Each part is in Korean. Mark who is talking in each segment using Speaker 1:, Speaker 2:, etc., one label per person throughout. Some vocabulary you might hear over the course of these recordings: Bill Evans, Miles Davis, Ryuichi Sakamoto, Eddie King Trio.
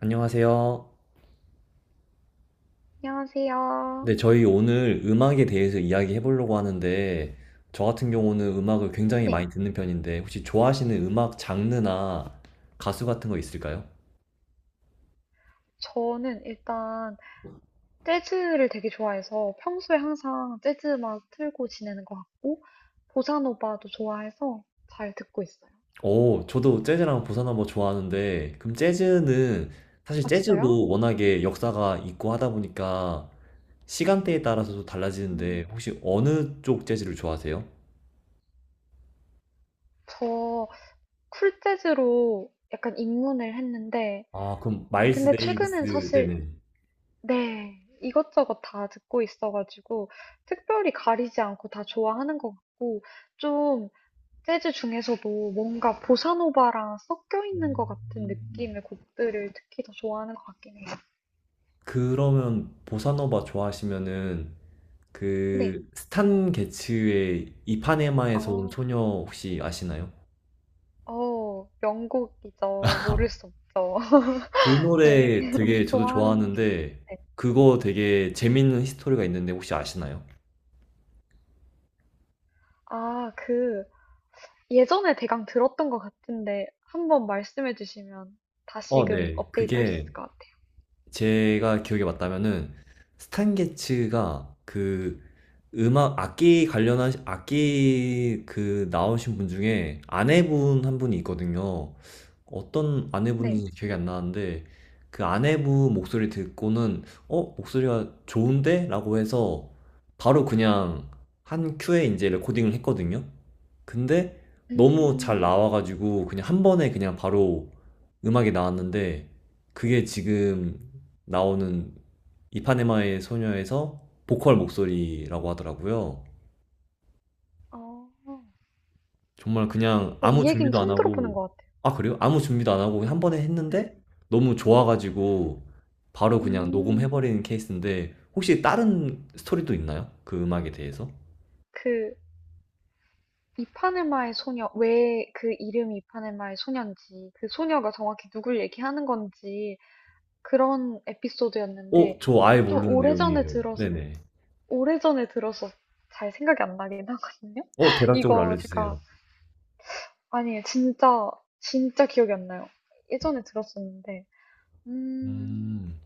Speaker 1: 안녕하세요.
Speaker 2: 안녕하세요.
Speaker 1: 네, 저희 오늘 음악에 대해서 이야기해 보려고 하는데, 저 같은 경우는 음악을 굉장히
Speaker 2: 네,
Speaker 1: 많이 듣는 편인데, 혹시 좋아하시는 음악 장르나 가수 같은 거 있을까요?
Speaker 2: 저는 일단 재즈를 되게 좋아해서 평소에 항상 재즈 음악 틀고 지내는 것 같고 보사노바도 좋아해서 잘 듣고 있어요.
Speaker 1: 오, 저도 재즈랑 보사노바 좋아하는데, 그럼 재즈는, 사실
Speaker 2: 아, 진짜요?
Speaker 1: 재즈도
Speaker 2: 네,
Speaker 1: 워낙에
Speaker 2: 네.
Speaker 1: 역사가 있고 하다 보니까, 시간대에 따라서도 달라지는데,
Speaker 2: 음,
Speaker 1: 혹시 어느 쪽 재즈를 좋아하세요?
Speaker 2: 저 쿨 재즈로 약간 입문을 했는데
Speaker 1: 아, 그럼 마일스
Speaker 2: 근데 최근엔
Speaker 1: 데이비스,
Speaker 2: 사실
Speaker 1: 네네.
Speaker 2: 네, 이것저것 다 듣고 있어가지고 특별히 가리지 않고 다 좋아하는 것 같고 좀 재즈 중에서도 뭔가 보사노바랑 섞여 있는 것 같은
Speaker 1: 음.
Speaker 2: 느낌의 곡들을 특히 더 좋아하는 것 같긴 해요.
Speaker 1: 그러면 보사노바 좋아하시면은
Speaker 2: 네,
Speaker 1: 그 스탄 게츠의 이파네마에서 온
Speaker 2: 어,
Speaker 1: 소녀 혹시 아시나요?
Speaker 2: 명곡이죠. 모를 수 없죠.
Speaker 1: 그
Speaker 2: 네,
Speaker 1: 노래 되게 저도
Speaker 2: 좋아하는 곡
Speaker 1: 좋아하는데
Speaker 2: 같아요.
Speaker 1: 그거 되게 재밌는 히스토리가 있는데 혹시 아시나요?
Speaker 2: 아, 그 예전에 대강 들었던 것 같은데 한번 말씀해 주시면
Speaker 1: 어,
Speaker 2: 다시금
Speaker 1: 네.
Speaker 2: 업데이트 할 수
Speaker 1: 그게
Speaker 2: 있을 것 같아요.
Speaker 1: 제가 기억에 맞다면은 스탄 게츠가 그 음악 악기 관련한 악기 그 나오신 분 중에 아내분 한 분이 있거든요. 어떤
Speaker 2: 네,
Speaker 1: 아내분인지 기억이 안 나는데 그 아내분 목소리 듣고는 어 목소리가 좋은데? 라고 해서 바로 그냥 한 큐에 이제 레코딩을 했거든요. 근데 너무 잘
Speaker 2: 음,
Speaker 1: 나와가지고 그냥 한 번에 그냥 바로 음악이 나왔는데 그게 지금 나오는 이파네마의 소녀에서 보컬 목소리라고 하더라고요.
Speaker 2: 어,
Speaker 1: 정말 그냥 아무
Speaker 2: 이 얘기는
Speaker 1: 준비도 안
Speaker 2: 처음 들어보는
Speaker 1: 하고,
Speaker 2: 것 같아요.
Speaker 1: 아, 그래요? 아무 준비도 안 하고 그냥 한 번에
Speaker 2: 네,
Speaker 1: 했는데 너무
Speaker 2: 네, 네.
Speaker 1: 좋아가지고 바로 그냥
Speaker 2: 음,
Speaker 1: 녹음해버리는 케이스인데 혹시 다른 스토리도 있나요? 그 음악에 대해서?
Speaker 2: 그 이파네마의 소녀, 왜 그 이름이 이파네마의 소녀인지, 그 소녀가 정확히 누굴 얘기하는 건지, 그런
Speaker 1: 어,
Speaker 2: 에피소드였는데,
Speaker 1: 저 아예
Speaker 2: 좀
Speaker 1: 모르는 내용이에요. 네네.
Speaker 2: 오래전에 들어서 잘 생각이 안 나긴 하거든요?
Speaker 1: 어, 대략적으로
Speaker 2: 이거
Speaker 1: 알려주세요.
Speaker 2: 제가, 아니, 진짜, 진짜 기억이 안 나요. 예전에 들었었는데, 음,
Speaker 1: 음,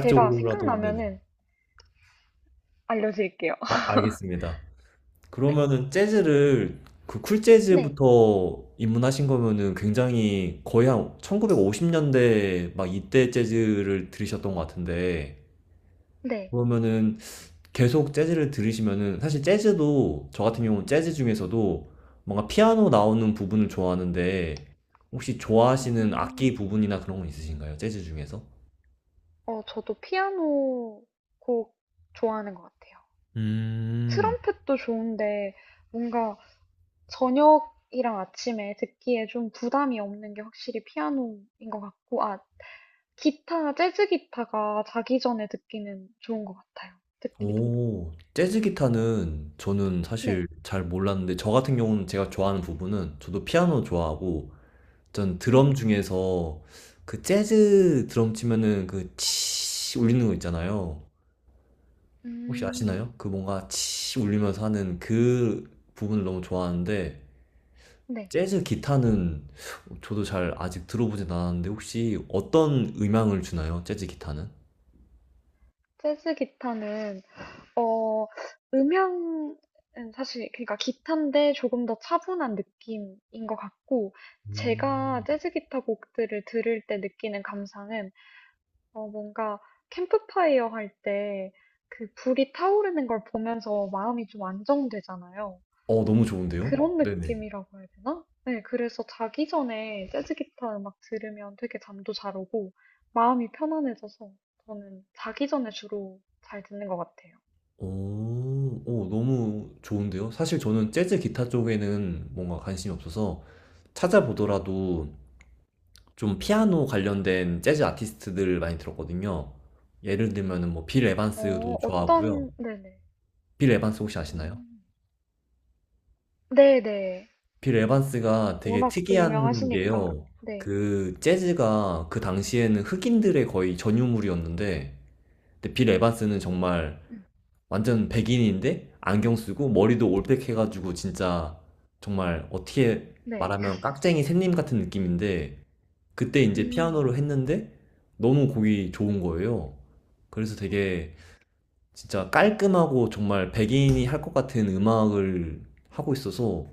Speaker 2: 제가
Speaker 1: 네네.
Speaker 2: 생각나면은 알려드릴게요.
Speaker 1: 어, 알겠습니다.
Speaker 2: 네.
Speaker 1: 그러면은 재즈를 그 쿨
Speaker 2: 네,
Speaker 1: 재즈부터 입문하신 거면은 굉장히 거의 한 1950년대 막 이때 재즈를 들으셨던 것 같은데
Speaker 2: 네.
Speaker 1: 그러면은 계속 재즈를 들으시면은 사실 재즈도 저 같은 경우는 재즈 중에서도 뭔가 피아노 나오는 부분을 좋아하는데 혹시 좋아하시는 악기
Speaker 2: 음,
Speaker 1: 부분이나 그런 건 있으신가요? 재즈 중에서?
Speaker 2: 저도 피아노 곡 좋아하는 것 같아요.
Speaker 1: 음,
Speaker 2: 트럼펫도 좋은데 뭔가 저녁이랑 아침에 듣기에 좀 부담이 없는 게 확실히 피아노인 것 같고, 아, 기타, 재즈 기타가 자기 전에 듣기는 좋은 것 같아요. 듣기 더.
Speaker 1: 오, 재즈 기타는 저는 사실
Speaker 2: 네,
Speaker 1: 잘 몰랐는데, 저 같은 경우는 제가 좋아하는 부분은, 저도 피아노 좋아하고, 전
Speaker 2: 네.
Speaker 1: 드럼 중에서 그 재즈 드럼 치면은 그 치 울리는 거 있잖아요. 혹시
Speaker 2: 음,
Speaker 1: 아시나요? 그 뭔가 치 울리면서 하는 그 부분을 너무 좋아하는데,
Speaker 2: 네.
Speaker 1: 재즈 기타는 저도 잘 아직 들어보진 않았는데, 혹시 어떤 음향을 주나요? 재즈 기타는?
Speaker 2: 재즈 기타는, 어, 음향은 사실, 그러니까 기타인데 조금 더 차분한 느낌인 것 같고, 제가
Speaker 1: 음.
Speaker 2: 재즈 기타 곡들을 들을 때 느끼는 감상은 뭔가 캠프파이어 할 때 그 불이 타오르는 걸 보면서 마음이 좀 안정되잖아요.
Speaker 1: 어, 너무 좋은데요?
Speaker 2: 그런
Speaker 1: 네네.
Speaker 2: 느낌이라고 해야 되나? 네, 그래서 자기 전에 재즈 기타 음악 들으면 되게 잠도 잘 오고 마음이 편안해져서 저는 자기 전에 주로 잘 듣는 것 같아요.
Speaker 1: 오. 오 너무 좋은데요. 사실 저는 재즈 기타 쪽에는 뭔가 관심이 없어서 찾아보더라도 좀 피아노 관련된 재즈 아티스트들을 많이 들었거든요. 예를 들면은 뭐 빌 에반스도
Speaker 2: 어,
Speaker 1: 좋아하고요.
Speaker 2: 어떤, 네네.
Speaker 1: 빌 에반스 혹시 아시나요?
Speaker 2: 음, 네네.
Speaker 1: 빌 에반스가 되게
Speaker 2: 워낙 또
Speaker 1: 특이한
Speaker 2: 유명하시니까.
Speaker 1: 게요.
Speaker 2: 네,
Speaker 1: 그 재즈가 그 당시에는 흑인들의 거의 전유물이었는데 근데 빌 에반스는 정말
Speaker 2: 음,
Speaker 1: 완전 백인인데 안경 쓰고 머리도 올백해가지고 진짜 정말 어떻게
Speaker 2: 네.
Speaker 1: 말하면 깍쟁이 샘님 같은 느낌인데 그때 이제 피아노
Speaker 2: 음,
Speaker 1: 를 했는데 너무 곡이 좋은 거예요. 그래서
Speaker 2: 어,
Speaker 1: 되게 진짜 깔끔하고 정말 백인이 할 것 같은 음악을 하고 있어서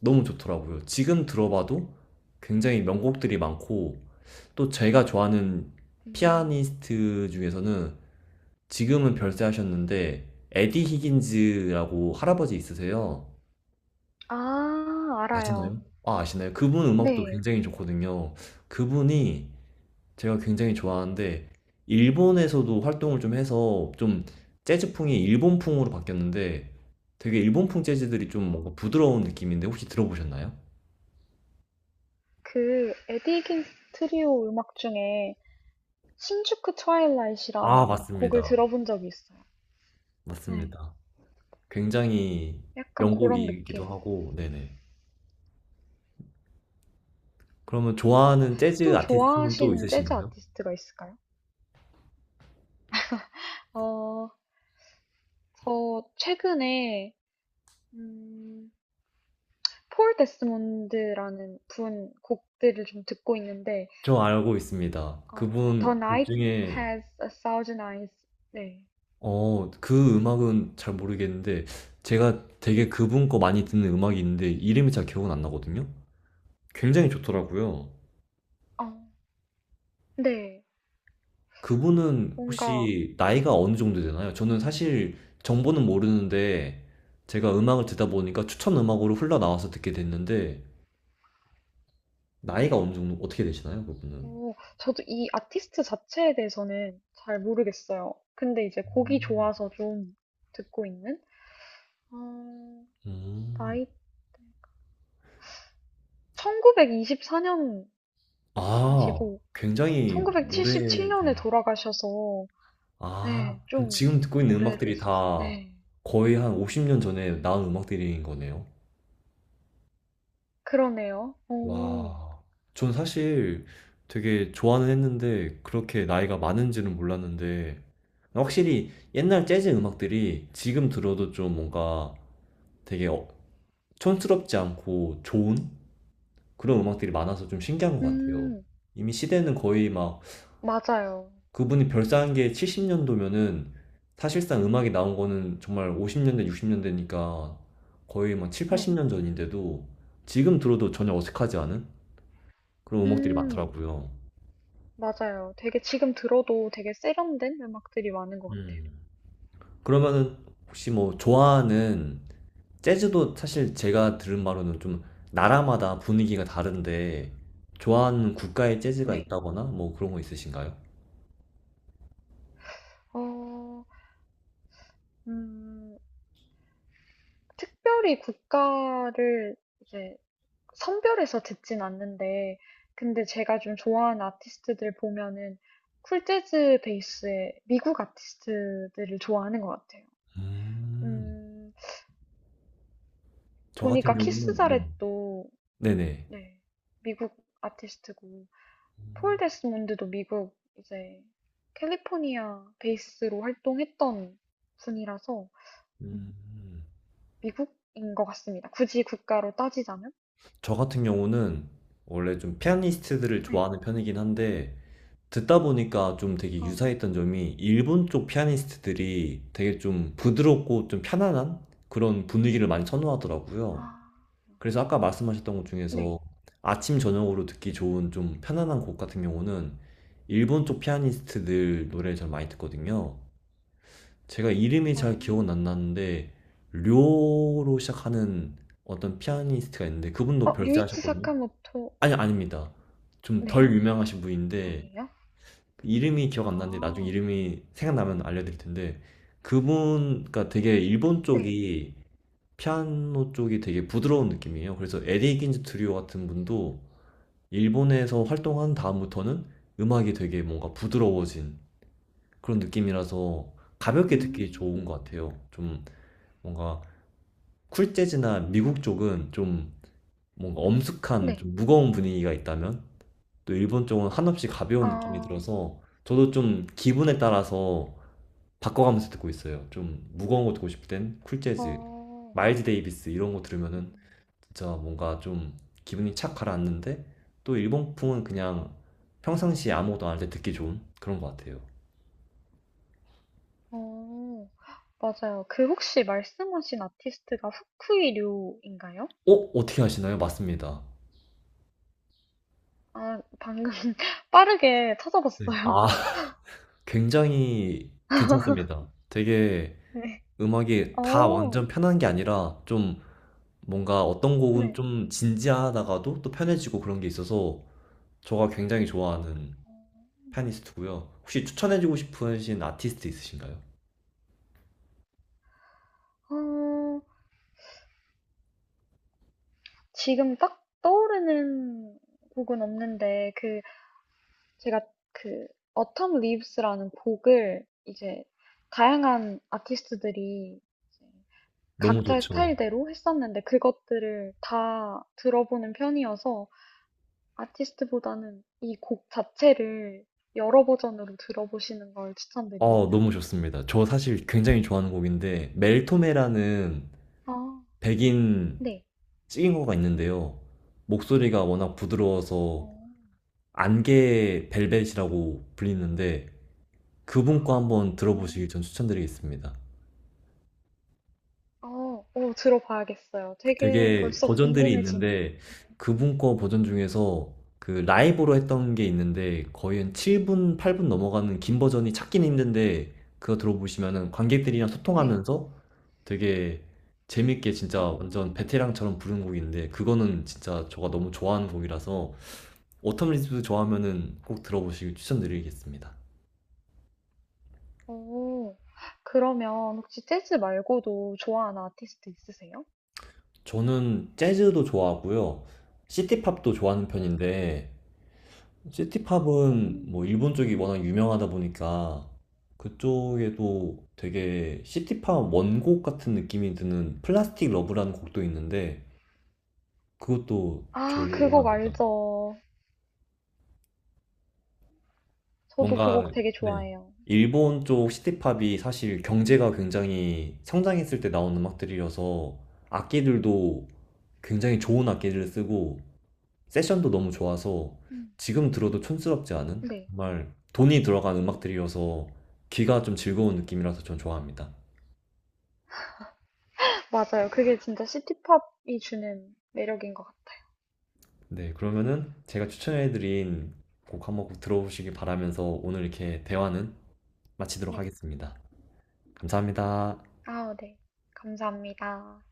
Speaker 1: 너무 좋더라고요. 지금 들어봐도 굉장히 명곡들이 많고 또 제가 좋아하는
Speaker 2: 음.
Speaker 1: 피아니스트 중에서는 지금은 별세하셨는데 에디 히긴즈라고 할아버지 있으세요.
Speaker 2: 아, 알아요.
Speaker 1: 아시나요? 아, 아시나요? 그분 음악도
Speaker 2: 네.
Speaker 1: 굉장히 좋거든요. 그분이 제가 굉장히 좋아하는데 일본에서도 활동을 좀 해서 좀 재즈풍이 일본풍으로 바뀌었는데 되게 일본풍 재즈들이 좀 뭔가
Speaker 2: 어,
Speaker 1: 부드러운 느낌인데 혹시 들어보셨나요?
Speaker 2: 그 에디 킹 트리오 음악 중에 신주쿠
Speaker 1: 아,
Speaker 2: 트와일라잇이라는 곡을
Speaker 1: 맞습니다.
Speaker 2: 들어본 적이 있어요. 네.
Speaker 1: 맞습니다. 굉장히
Speaker 2: 약간 그런
Speaker 1: 명곡이기도
Speaker 2: 느낌.
Speaker 1: 하고, 네네. 그러면
Speaker 2: 음.
Speaker 1: 좋아하는 재즈
Speaker 2: 또
Speaker 1: 아티스트는 또
Speaker 2: 좋아하시는 재즈
Speaker 1: 있으신가요?
Speaker 2: 아티스트가 있을까요? 어, 저 최근에 음, 폴 데스몬드라는 분 곡들을 좀 듣고 있는데
Speaker 1: 저 알고 있습니다.
Speaker 2: The
Speaker 1: 그분 곡
Speaker 2: Night
Speaker 1: 중에,
Speaker 2: Has a Thousand Eyes. 네.
Speaker 1: 어, 그 음악은 잘 모르겠는데, 제가 되게
Speaker 2: 네.
Speaker 1: 그분 거 많이
Speaker 2: 네.
Speaker 1: 듣는 음악이 있는데, 이름이 잘 기억은 안 나거든요? 굉장히 좋더라고요.
Speaker 2: 어, 네.
Speaker 1: 그분은
Speaker 2: 뭔가
Speaker 1: 혹시 나이가 어느 정도 되나요? 저는 사실 정보는 모르는데, 제가 음악을 듣다 보니까 추천 음악으로 흘러나와서 듣게 됐는데, 나이가 어느 정도, 어떻게 되시나요, 그분은?
Speaker 2: 오, 저도 이 아티스트 자체에 대해서는 잘 모르겠어요. 근데 이제 곡이 좋아서 좀 듣고 있는? 어,
Speaker 1: 음.
Speaker 2: 나이, 1924년생이시고,
Speaker 1: 아, 굉장히
Speaker 2: 1977년에
Speaker 1: 오래된
Speaker 2: 돌아가셔서,
Speaker 1: 아,
Speaker 2: 네,
Speaker 1: 그럼
Speaker 2: 좀
Speaker 1: 지금 듣고 있는 음악들이
Speaker 2: 오래되신,
Speaker 1: 다
Speaker 2: 네,
Speaker 1: 거의 한 50년 전에 나온 음악들인 거네요.
Speaker 2: 그러네요. 오,
Speaker 1: 와, 전 사실 되게 좋아는 했는데 그렇게 나이가 많은지는 몰랐는데 확실히 옛날 재즈 음악들이 지금 들어도 좀 뭔가 되게 촌스럽지 않고 좋은 그런 음악들이 많아서 좀 신기한 것 같아요.
Speaker 2: 음,
Speaker 1: 이미 시대는 거의 막
Speaker 2: 맞아요.
Speaker 1: 그분이 별 쌓은 게 70년도면은 사실상 음악이 나온 거는 정말 50년대, 60년대니까 거의 뭐 7,
Speaker 2: 네,
Speaker 1: 80년 전인데도 지금 들어도 전혀 어색하지 않은 그런 음악들이
Speaker 2: 음,
Speaker 1: 많더라고요.
Speaker 2: 맞아요. 되게 지금 들어도 되게 세련된 음악들이 많은 것 같아요.
Speaker 1: 음. 그러면은 혹시 뭐 좋아하는 재즈도 사실 제가 들은 바로는 좀 나라마다 분위기가 다른데 좋아하는 국가의 재즈가
Speaker 2: 네,
Speaker 1: 있다거나 뭐 그런 거 있으신가요?
Speaker 2: 어, 음, 특별히 국가를 이제 선별해서 듣진 않는데, 근데 제가 좀 좋아하는 아티스트들 보면은 쿨 재즈 베이스의 미국 아티스트들을 좋아하는 것 같아요.
Speaker 1: 음,
Speaker 2: 음,
Speaker 1: 저 같은
Speaker 2: 보니까 키스
Speaker 1: 경우는 네.
Speaker 2: 자렛도
Speaker 1: 네네.
Speaker 2: 네, 미국 아티스트고, 폴 데스몬드도 미국 이제 캘리포니아 베이스로 활동했던 분이라서 음,
Speaker 1: 음.
Speaker 2: 미국인 것 같습니다. 굳이 국가로 따지자면.
Speaker 1: 저 같은 경우는 원래 좀 피아니스트들을
Speaker 2: 네.
Speaker 1: 좋아하는 편이긴 한데 듣다 보니까 좀 되게
Speaker 2: 어,
Speaker 1: 유사했던 점이 일본 쪽 피아니스트들이 되게 좀 부드럽고 좀 편안한 그런 분위기를 많이
Speaker 2: 아.
Speaker 1: 선호하더라고요. 그래서 아까 말씀하셨던 것 중에서
Speaker 2: 네.
Speaker 1: 아침 저녁으로 듣기 좋은 좀 편안한 곡 같은 경우는 일본 쪽 피아니스트들 노래를 잘 많이 듣거든요. 제가 이름이 잘 기억은
Speaker 2: 어.
Speaker 1: 안 나는데 료로 시작하는 어떤 피아니스트가 있는데 그분도
Speaker 2: 류이치
Speaker 1: 별세하셨거든요.
Speaker 2: 사카모토
Speaker 1: 아니, 아닙니다. 좀
Speaker 2: 네.
Speaker 1: 덜 유명하신 분인데,
Speaker 2: 아니에요?
Speaker 1: 그 이름이 기억 안 나는데, 나중에
Speaker 2: 아.
Speaker 1: 이름이 생각나면 알려드릴 텐데, 그분, 그니까 되게 일본
Speaker 2: 네.
Speaker 1: 쪽이, 피아노 쪽이 되게 부드러운 느낌이에요. 그래서 에디 긴즈 트리오 같은 분도 일본에서 활동한 다음부터는 음악이 되게 뭔가 부드러워진 그런 느낌이라서 가볍게 듣기 좋은
Speaker 2: 음.
Speaker 1: 것 같아요. 좀 뭔가 쿨 재즈나 미국 쪽은 좀 뭔가 엄숙한
Speaker 2: 네.
Speaker 1: 좀 무거운 분위기가 있다면 또 일본 쪽은 한없이 가벼운 느낌이
Speaker 2: 아.
Speaker 1: 들어서 저도 좀 기분에 따라서 바꿔가면서 듣고 있어요. 좀 무거운 거 듣고 싶을 땐 쿨 재즈,
Speaker 2: 어.
Speaker 1: 마일즈 데이비스 이런 거 들으면은
Speaker 2: 음.
Speaker 1: 진짜 뭔가 좀 기분이 착 가라앉는데 또 일본풍은 그냥 평상시에 아무것도 안할 때 듣기 좋은 그런 것 같아요.
Speaker 2: 어. 맞아요. 그 혹시 말씀하신 아티스트가 후쿠이 류인가요?
Speaker 1: 어? 어떻게 아시나요 맞습니다.
Speaker 2: 아 방금 빠르게
Speaker 1: 네.
Speaker 2: 찾아봤어요.
Speaker 1: 아, 굉장히 괜찮습니다. 되게
Speaker 2: 네.
Speaker 1: 음악이 다
Speaker 2: 어.
Speaker 1: 완전 편한 게 아니라 좀 뭔가 어떤 곡은
Speaker 2: 네.
Speaker 1: 좀 진지하다가도 또 편해지고 그런 게 있어서 저가 굉장히 좋아하는
Speaker 2: 어.
Speaker 1: 피아니스트고요. 혹시 추천해주고 싶으신 아티스트 있으신가요?
Speaker 2: 어. 지금 딱 떠오르는 곡은 없는데 그 제가 그 Autumn Leaves라는 곡을 이제 다양한 아티스트들이 이제
Speaker 1: 너무
Speaker 2: 각자의
Speaker 1: 좋죠.
Speaker 2: 스타일대로 했었는데 그것들을 다 들어보는 편이어서 아티스트보다는 이 곡 자체를 여러 버전으로 들어보시는 걸 추천드립니다.
Speaker 1: 어, 너무 좋습니다. 저 사실 굉장히 좋아하는 곡인데 멜토메라는
Speaker 2: 아,
Speaker 1: 백인
Speaker 2: 네.
Speaker 1: 찍인거가 있는데요. 목소리가 워낙
Speaker 2: 어,
Speaker 1: 부드러워서 안개 벨벳이라고 불리는데 그분 거 한번
Speaker 2: 어,
Speaker 1: 들어보시길 전 추천드리겠습니다.
Speaker 2: 들어봐야겠어요. 되게
Speaker 1: 되게
Speaker 2: 벌써
Speaker 1: 버전들이
Speaker 2: 궁금해지네요.
Speaker 1: 있는데 그분 거 버전 중에서 그 라이브로 했던 게 있는데 거의 한 7분, 8분 넘어가는 긴 버전이 찾기는 힘든데 그거 들어보시면은 관객들이랑
Speaker 2: 네.
Speaker 1: 소통하면서 되게 재밌게 진짜
Speaker 2: 어.
Speaker 1: 완전 베테랑처럼 부른 곡인데 그거는 진짜 제가 너무 좋아하는 곡이라서 오텀 리즈도 좋아하면은 꼭 들어보시길 추천드리겠습니다.
Speaker 2: 오, 그러면 혹시 재즈 말고도 좋아하는 아티스트 있으세요?
Speaker 1: 저는 재즈도 좋아하고요. 시티팝도 좋아하는
Speaker 2: 네.
Speaker 1: 편인데
Speaker 2: 오.
Speaker 1: 시티팝은 뭐 일본 쪽이 워낙 유명하다 보니까 그쪽에도 되게 시티팝 원곡 같은 느낌이 드는 플라스틱 러브라는 곡도 있는데 그것도
Speaker 2: 아, 그 곡
Speaker 1: 좋아합니다.
Speaker 2: 알죠. 저도 그
Speaker 1: 뭔가
Speaker 2: 곡 되게
Speaker 1: 네.
Speaker 2: 좋아해요.
Speaker 1: 일본 쪽 시티팝이 사실 경제가 굉장히 성장했을 때 나온 음악들이어서 악기들도 굉장히 좋은 악기를 쓰고 세션도 너무 좋아서
Speaker 2: 음.
Speaker 1: 지금 들어도 촌스럽지 않은
Speaker 2: 네.
Speaker 1: 정말 돈이 들어간 음악들이어서 귀가 좀 즐거운 느낌이라서 전 좋아합니다.
Speaker 2: 맞아요. 그게 진짜 시티팝이 주는 매력인 것 같아요.
Speaker 1: 네, 그러면은 제가 추천해드린 곡 한번 꼭 들어보시기 바라면서 오늘 이렇게 대화는 마치도록
Speaker 2: 네.
Speaker 1: 하겠습니다. 감사합니다.
Speaker 2: 아 네. 감사합니다.